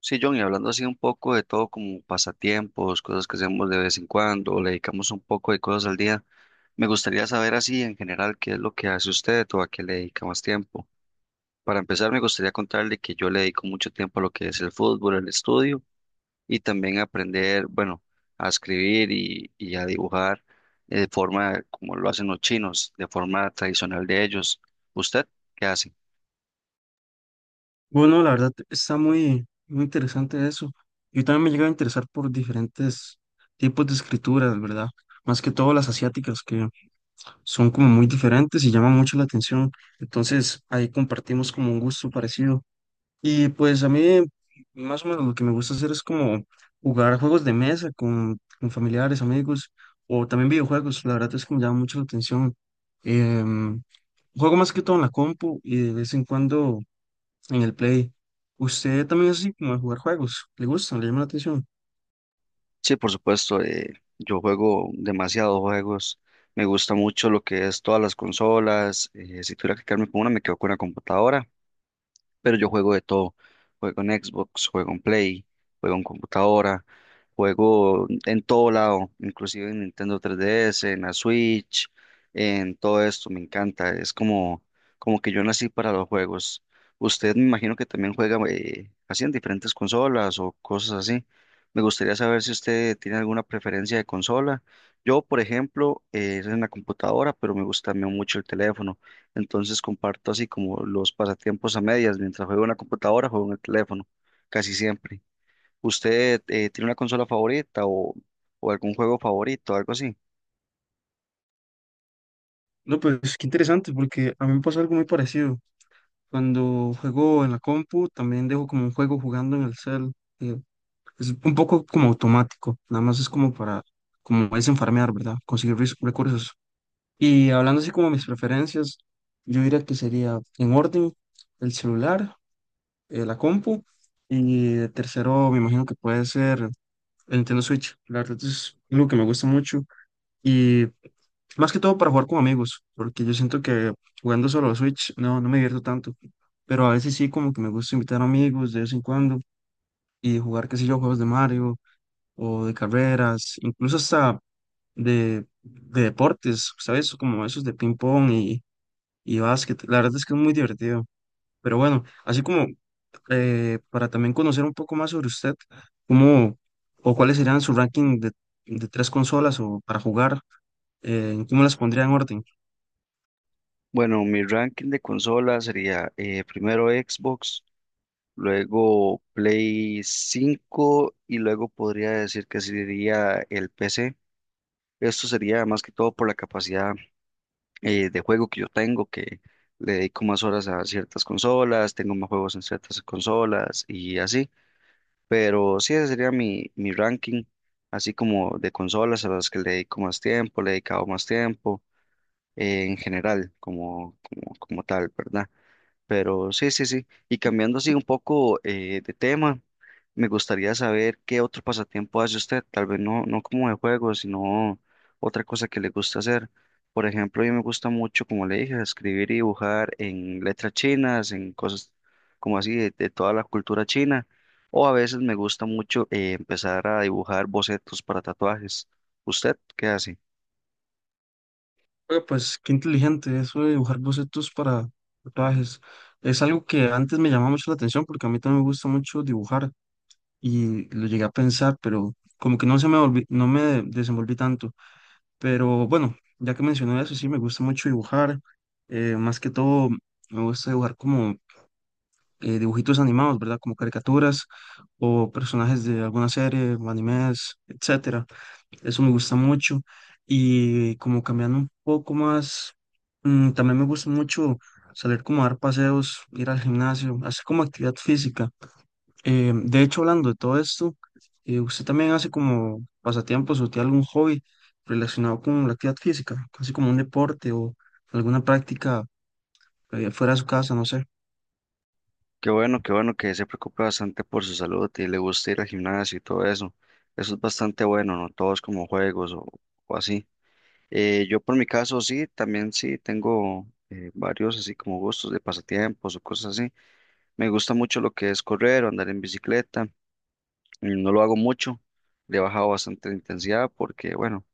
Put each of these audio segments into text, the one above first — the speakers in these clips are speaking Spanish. Sí, John, y hablando así un poco de todo como pasatiempos, cosas que hacemos de vez en cuando, le dedicamos un poco de cosas al día, me gustaría saber así en general qué es lo que hace usted o a qué le dedica más tiempo. Para empezar, me gustaría contarle que yo le dedico mucho tiempo a lo que es el fútbol, el estudio y también aprender, bueno, a escribir y a dibujar de forma como lo hacen los chinos, de forma tradicional de ellos. ¿Usted qué hace? Bueno, la verdad está muy, muy interesante eso. Yo también me llega a interesar por diferentes tipos de escrituras, ¿verdad? Más que todo las asiáticas, que son como muy diferentes y llaman mucho la atención. Entonces ahí compartimos como un gusto parecido. Y pues a mí más o menos lo que me gusta hacer es como jugar juegos de mesa con familiares, amigos, o también videojuegos. La verdad es que me llama mucho la atención. Em, Juego más que todo en la compu y de vez en cuando en el Play. Usted también es así como de jugar juegos, le gusta le llama la atención. Sí, por supuesto, yo juego demasiados juegos, me gusta mucho lo que es todas las consolas, si tuviera que quedarme con una me quedo con la computadora, pero yo juego de todo. Juego en Xbox, juego en Play, juego en computadora, juego en todo lado, inclusive en Nintendo 3DS, en la Switch, en todo esto, me encanta. Es como, como que yo nací para los juegos. Usted, me imagino que también juega así en diferentes consolas o cosas así. Me gustaría saber si usted tiene alguna preferencia de consola. Yo, por ejemplo, es en la computadora, pero me gusta también mucho el teléfono. Entonces comparto así como los pasatiempos a medias, mientras juego en la computadora, juego en el teléfono, casi siempre. ¿Usted tiene una consola favorita o algún juego favorito, algo así? No, pues qué interesante, porque a mí me pasó algo muy parecido. Cuando juego en la compu, también dejo como un juego jugando en el cel. eh, es un poco como automático, nada más es como para, como desenfarmear, ¿verdad? Conseguir recursos. Y hablando así como mis preferencias, yo diría que sería en orden el celular, la compu, y de tercero me imagino que puede ser el Nintendo Switch. La verdad es algo que me gusta mucho. Y más que todo para jugar con amigos, porque yo siento que jugando solo Switch no me divierto tanto. Pero a veces sí, como que me gusta invitar amigos de vez en cuando y jugar, qué sé yo, juegos de Mario o de carreras, incluso hasta de deportes, ¿sabes? Como esos de ping-pong y básquet. La verdad es que es muy divertido. Pero bueno, así como para también conocer un poco más sobre usted, ¿cómo o cuáles serían su ranking de tres consolas o para jugar? ¿Cómo las pondría en orden? Bueno, mi ranking de consolas sería primero Xbox, luego Play 5 y luego podría decir que sería el PC. Esto sería más que todo por la capacidad de juego que yo tengo, que le dedico más horas a ciertas consolas, tengo más juegos en ciertas consolas y así. Pero sí, ese sería mi ranking, así como de consolas a las que le dedico más tiempo, le he dedicado más tiempo, en general, como tal, ¿verdad? Pero sí, sí, sí. Y cambiando así un poco de tema, me gustaría saber qué otro pasatiempo hace usted. Tal vez no, no como de juego, sino otra cosa que le gusta hacer. Por ejemplo, a mí me gusta mucho, como le dije, escribir y dibujar en letras chinas, en cosas como así de toda la cultura china. O a veces me gusta mucho empezar a dibujar bocetos para tatuajes. ¿Usted qué hace? Oiga, pues qué inteligente eso de dibujar bocetos para tatuajes. Es algo que antes me llamaba mucho la atención porque a mí también me gusta mucho dibujar y lo llegué a pensar, pero como que no se me no me desenvolví tanto. Pero bueno, ya que mencioné eso, sí, me gusta mucho dibujar. Más que todo, me gusta dibujar como dibujitos animados, ¿verdad? Como caricaturas o personajes de alguna serie, o animes, etcétera. Eso me gusta mucho. Y como cambiando un poco más, también me gusta mucho salir como a dar paseos, ir al gimnasio, hacer como actividad física. De hecho, hablando de todo esto, ¿usted también hace como pasatiempos o tiene algún hobby relacionado con la actividad física? Casi como un deporte o alguna práctica fuera de su casa, no sé. Qué bueno que se preocupe bastante por su salud y le gusta ir al gimnasio y todo eso. Eso es bastante bueno, ¿no? Todos como juegos o así. Yo por mi caso sí, también sí tengo varios así como gustos de pasatiempos o cosas así. Me gusta mucho lo que es correr o andar en bicicleta. No lo hago mucho, le he bajado bastante la intensidad porque, bueno,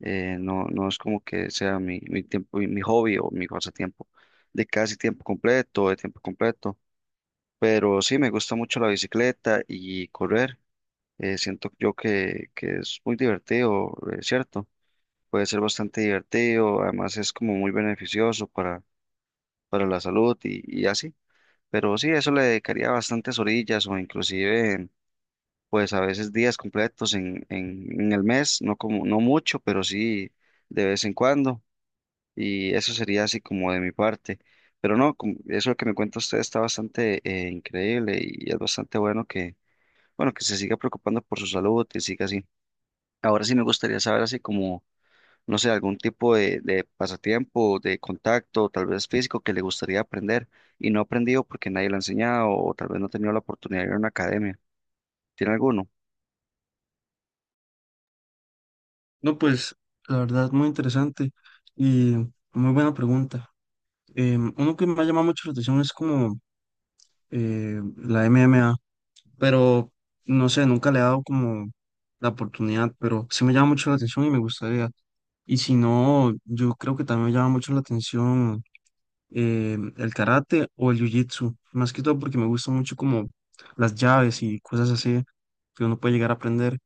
no, no es como que sea mi tiempo, mi hobby o mi pasatiempo de casi tiempo completo, de tiempo completo. Pero sí, me gusta mucho la bicicleta y correr. Siento yo que es muy divertido, ¿cierto? Puede ser bastante divertido, además es como muy beneficioso para la salud y así. Pero sí, eso le dedicaría bastantes orillas o inclusive pues a veces días completos en el mes, no como, no mucho, pero sí de vez en cuando. Y eso sería así como de mi parte. Pero no, como- eso que me cuenta usted está bastante increíble y es bastante bueno, que se siga preocupando por su salud y siga así. Ahora sí me gustaría saber así como, no sé, algún tipo de pasatiempo, de contacto, tal vez físico, que le gustaría aprender y no ha aprendido porque nadie lo ha enseñado o tal vez no ha tenido la oportunidad de ir a una academia. ¿Tiene alguno? No, pues la verdad, muy interesante y muy buena pregunta. Uno que me ha llamado mucho la atención es como la MMA, pero no sé, nunca le he dado como la oportunidad, pero sí me llama mucho la atención y me gustaría. Y si no, yo creo que también me llama mucho la atención el karate o el jiu-jitsu, más que todo porque me gusta mucho como las llaves y cosas así que uno puede llegar a aprender.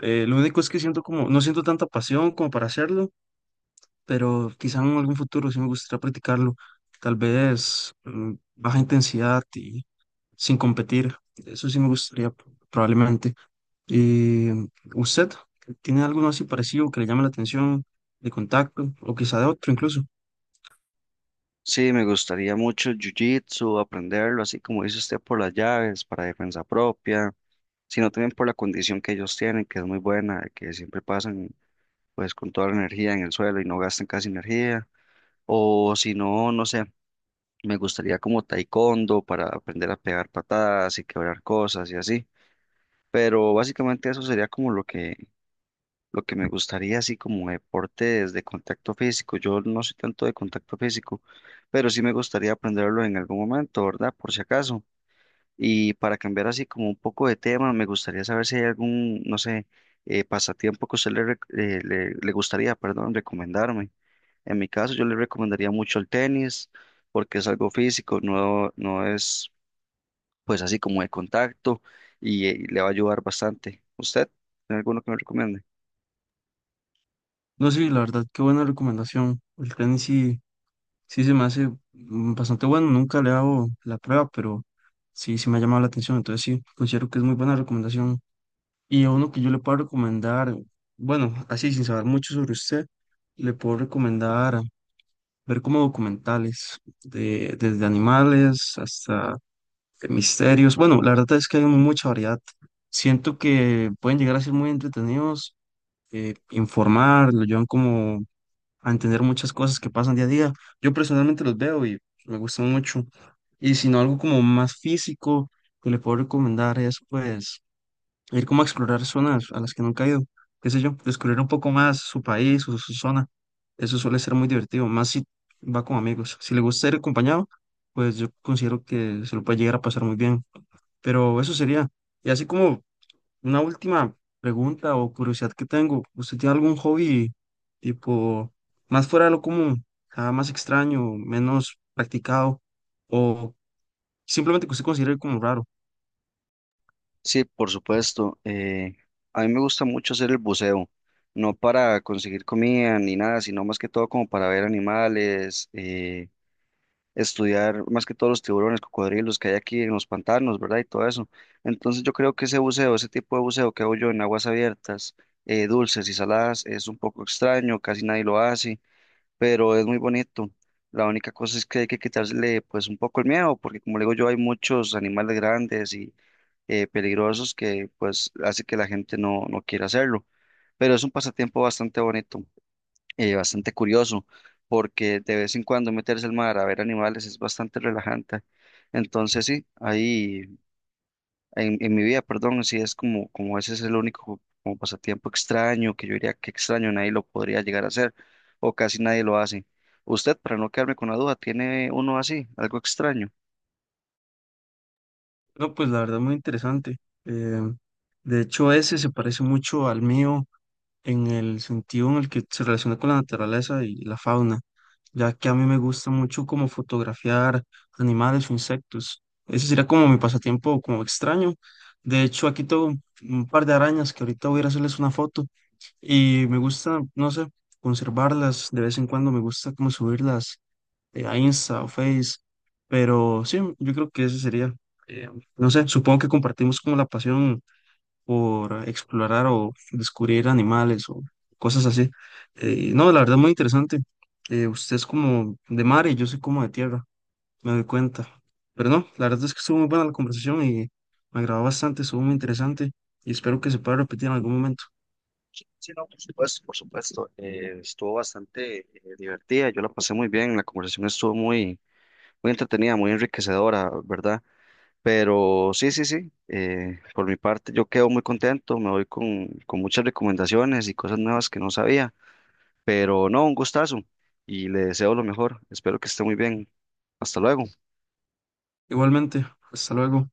Lo único es que siento como, no siento tanta pasión como para hacerlo, pero quizá en algún futuro sí me gustaría practicarlo, tal vez baja intensidad y sin competir, eso sí me gustaría probablemente. ¿Y usted tiene alguno así parecido que le llame la atención de contacto o quizá de otro incluso? Sí, me gustaría mucho jiu-jitsu, aprenderlo, así como dice usted, por las llaves, para defensa propia, sino también por la condición que ellos tienen, que es muy buena, que siempre pasan pues con toda la energía en el suelo y no gastan casi energía, o si no, no sé. Me gustaría como taekwondo para aprender a pegar patadas y quebrar cosas y así. Pero básicamente eso sería como lo que me gustaría, así como deportes de contacto físico. Yo no soy tanto de contacto físico, pero sí me gustaría aprenderlo en algún momento, ¿verdad? Por si acaso. Y para cambiar así como un poco de tema, me gustaría saber si hay algún, no sé, pasatiempo que a usted le, rec- le gustaría, perdón, recomendarme. En mi caso, yo le recomendaría mucho el tenis porque es algo físico, no, no es pues así como de contacto y, le va a ayudar bastante. ¿Usted tiene alguno que me recomiende? No sé, la verdad, qué buena recomendación. El tenis sí, sí se me hace bastante bueno, nunca le hago la prueba, pero sí, sí me ha llamado la atención, entonces sí, considero que es muy buena recomendación. Y a uno que yo le puedo recomendar, bueno, así sin saber mucho sobre usted, le puedo recomendar ver como documentales, desde animales hasta de misterios. Bueno, la verdad es que hay mucha variedad. Siento que pueden llegar a ser muy entretenidos, informar, lo llevan como a entender muchas cosas que pasan día a día. Yo personalmente los veo y me gustan mucho. Y si no, algo como más físico que le puedo recomendar es pues ir como a explorar zonas a las que nunca he ido, qué sé yo, descubrir un poco más su país o su zona. Eso suele ser muy divertido, más si va con amigos. Si le gusta ir acompañado, pues yo considero que se lo puede llegar a pasar muy bien. Pero eso sería. Y así como una última pregunta o curiosidad que tengo, ¿usted tiene algún hobby tipo más fuera de lo común, ah, más extraño, menos practicado o simplemente que usted considere como raro? Sí, por supuesto. A mí me gusta mucho hacer el buceo, no para conseguir comida ni nada, sino más que todo como para ver animales, estudiar más que todos los tiburones, cocodrilos que hay aquí en los pantanos, ¿verdad? Y todo eso. Entonces yo creo que ese buceo, ese tipo de buceo que hago yo en aguas abiertas, dulces y saladas, es un poco extraño, casi nadie lo hace, pero es muy bonito. La única cosa es que hay que quitarle pues un poco el miedo, porque como le digo yo, hay muchos animales grandes y peligrosos que pues hace que la gente no, no quiera hacerlo. Pero es un pasatiempo bastante bonito, bastante curioso, porque de vez en cuando meterse al mar a ver animales es bastante relajante. Entonces sí, ahí en mi vida, perdón, sí es como, como ese es el único como pasatiempo extraño que yo diría que extraño, nadie lo podría llegar a hacer o casi nadie lo hace. Usted, para no quedarme con la duda, ¿tiene uno así, algo extraño? No, pues la verdad muy interesante. Eh, de hecho, ese se parece mucho al mío en el sentido en el que se relaciona con la naturaleza y la fauna, ya que a mí me gusta mucho como fotografiar animales o insectos. Ese sería como mi pasatiempo como extraño. De hecho, aquí tengo un par de arañas que ahorita voy a ir a hacerles una foto y me gusta, no sé, conservarlas. De vez en cuando me gusta como subirlas a Insta o Face, pero sí, yo creo que ese sería, eh, no sé, supongo que compartimos como la pasión por explorar o descubrir animales o cosas así. No, la verdad muy interesante. Usted es como de mar y yo soy como de tierra, me doy cuenta. Pero no, la verdad es que estuvo muy buena la conversación y me agradó bastante, estuvo muy interesante y espero que se pueda repetir en algún momento. Sí, sí, no, por supuesto, por supuesto. Estuvo bastante divertida, yo la pasé muy bien, la conversación estuvo muy, muy entretenida, muy enriquecedora, ¿verdad? Pero sí, sí, sí, por mi parte yo quedo muy contento, me voy con muchas recomendaciones y cosas nuevas que no sabía, pero no, un gustazo y le deseo lo mejor, espero que esté muy bien, hasta luego. Igualmente, hasta luego.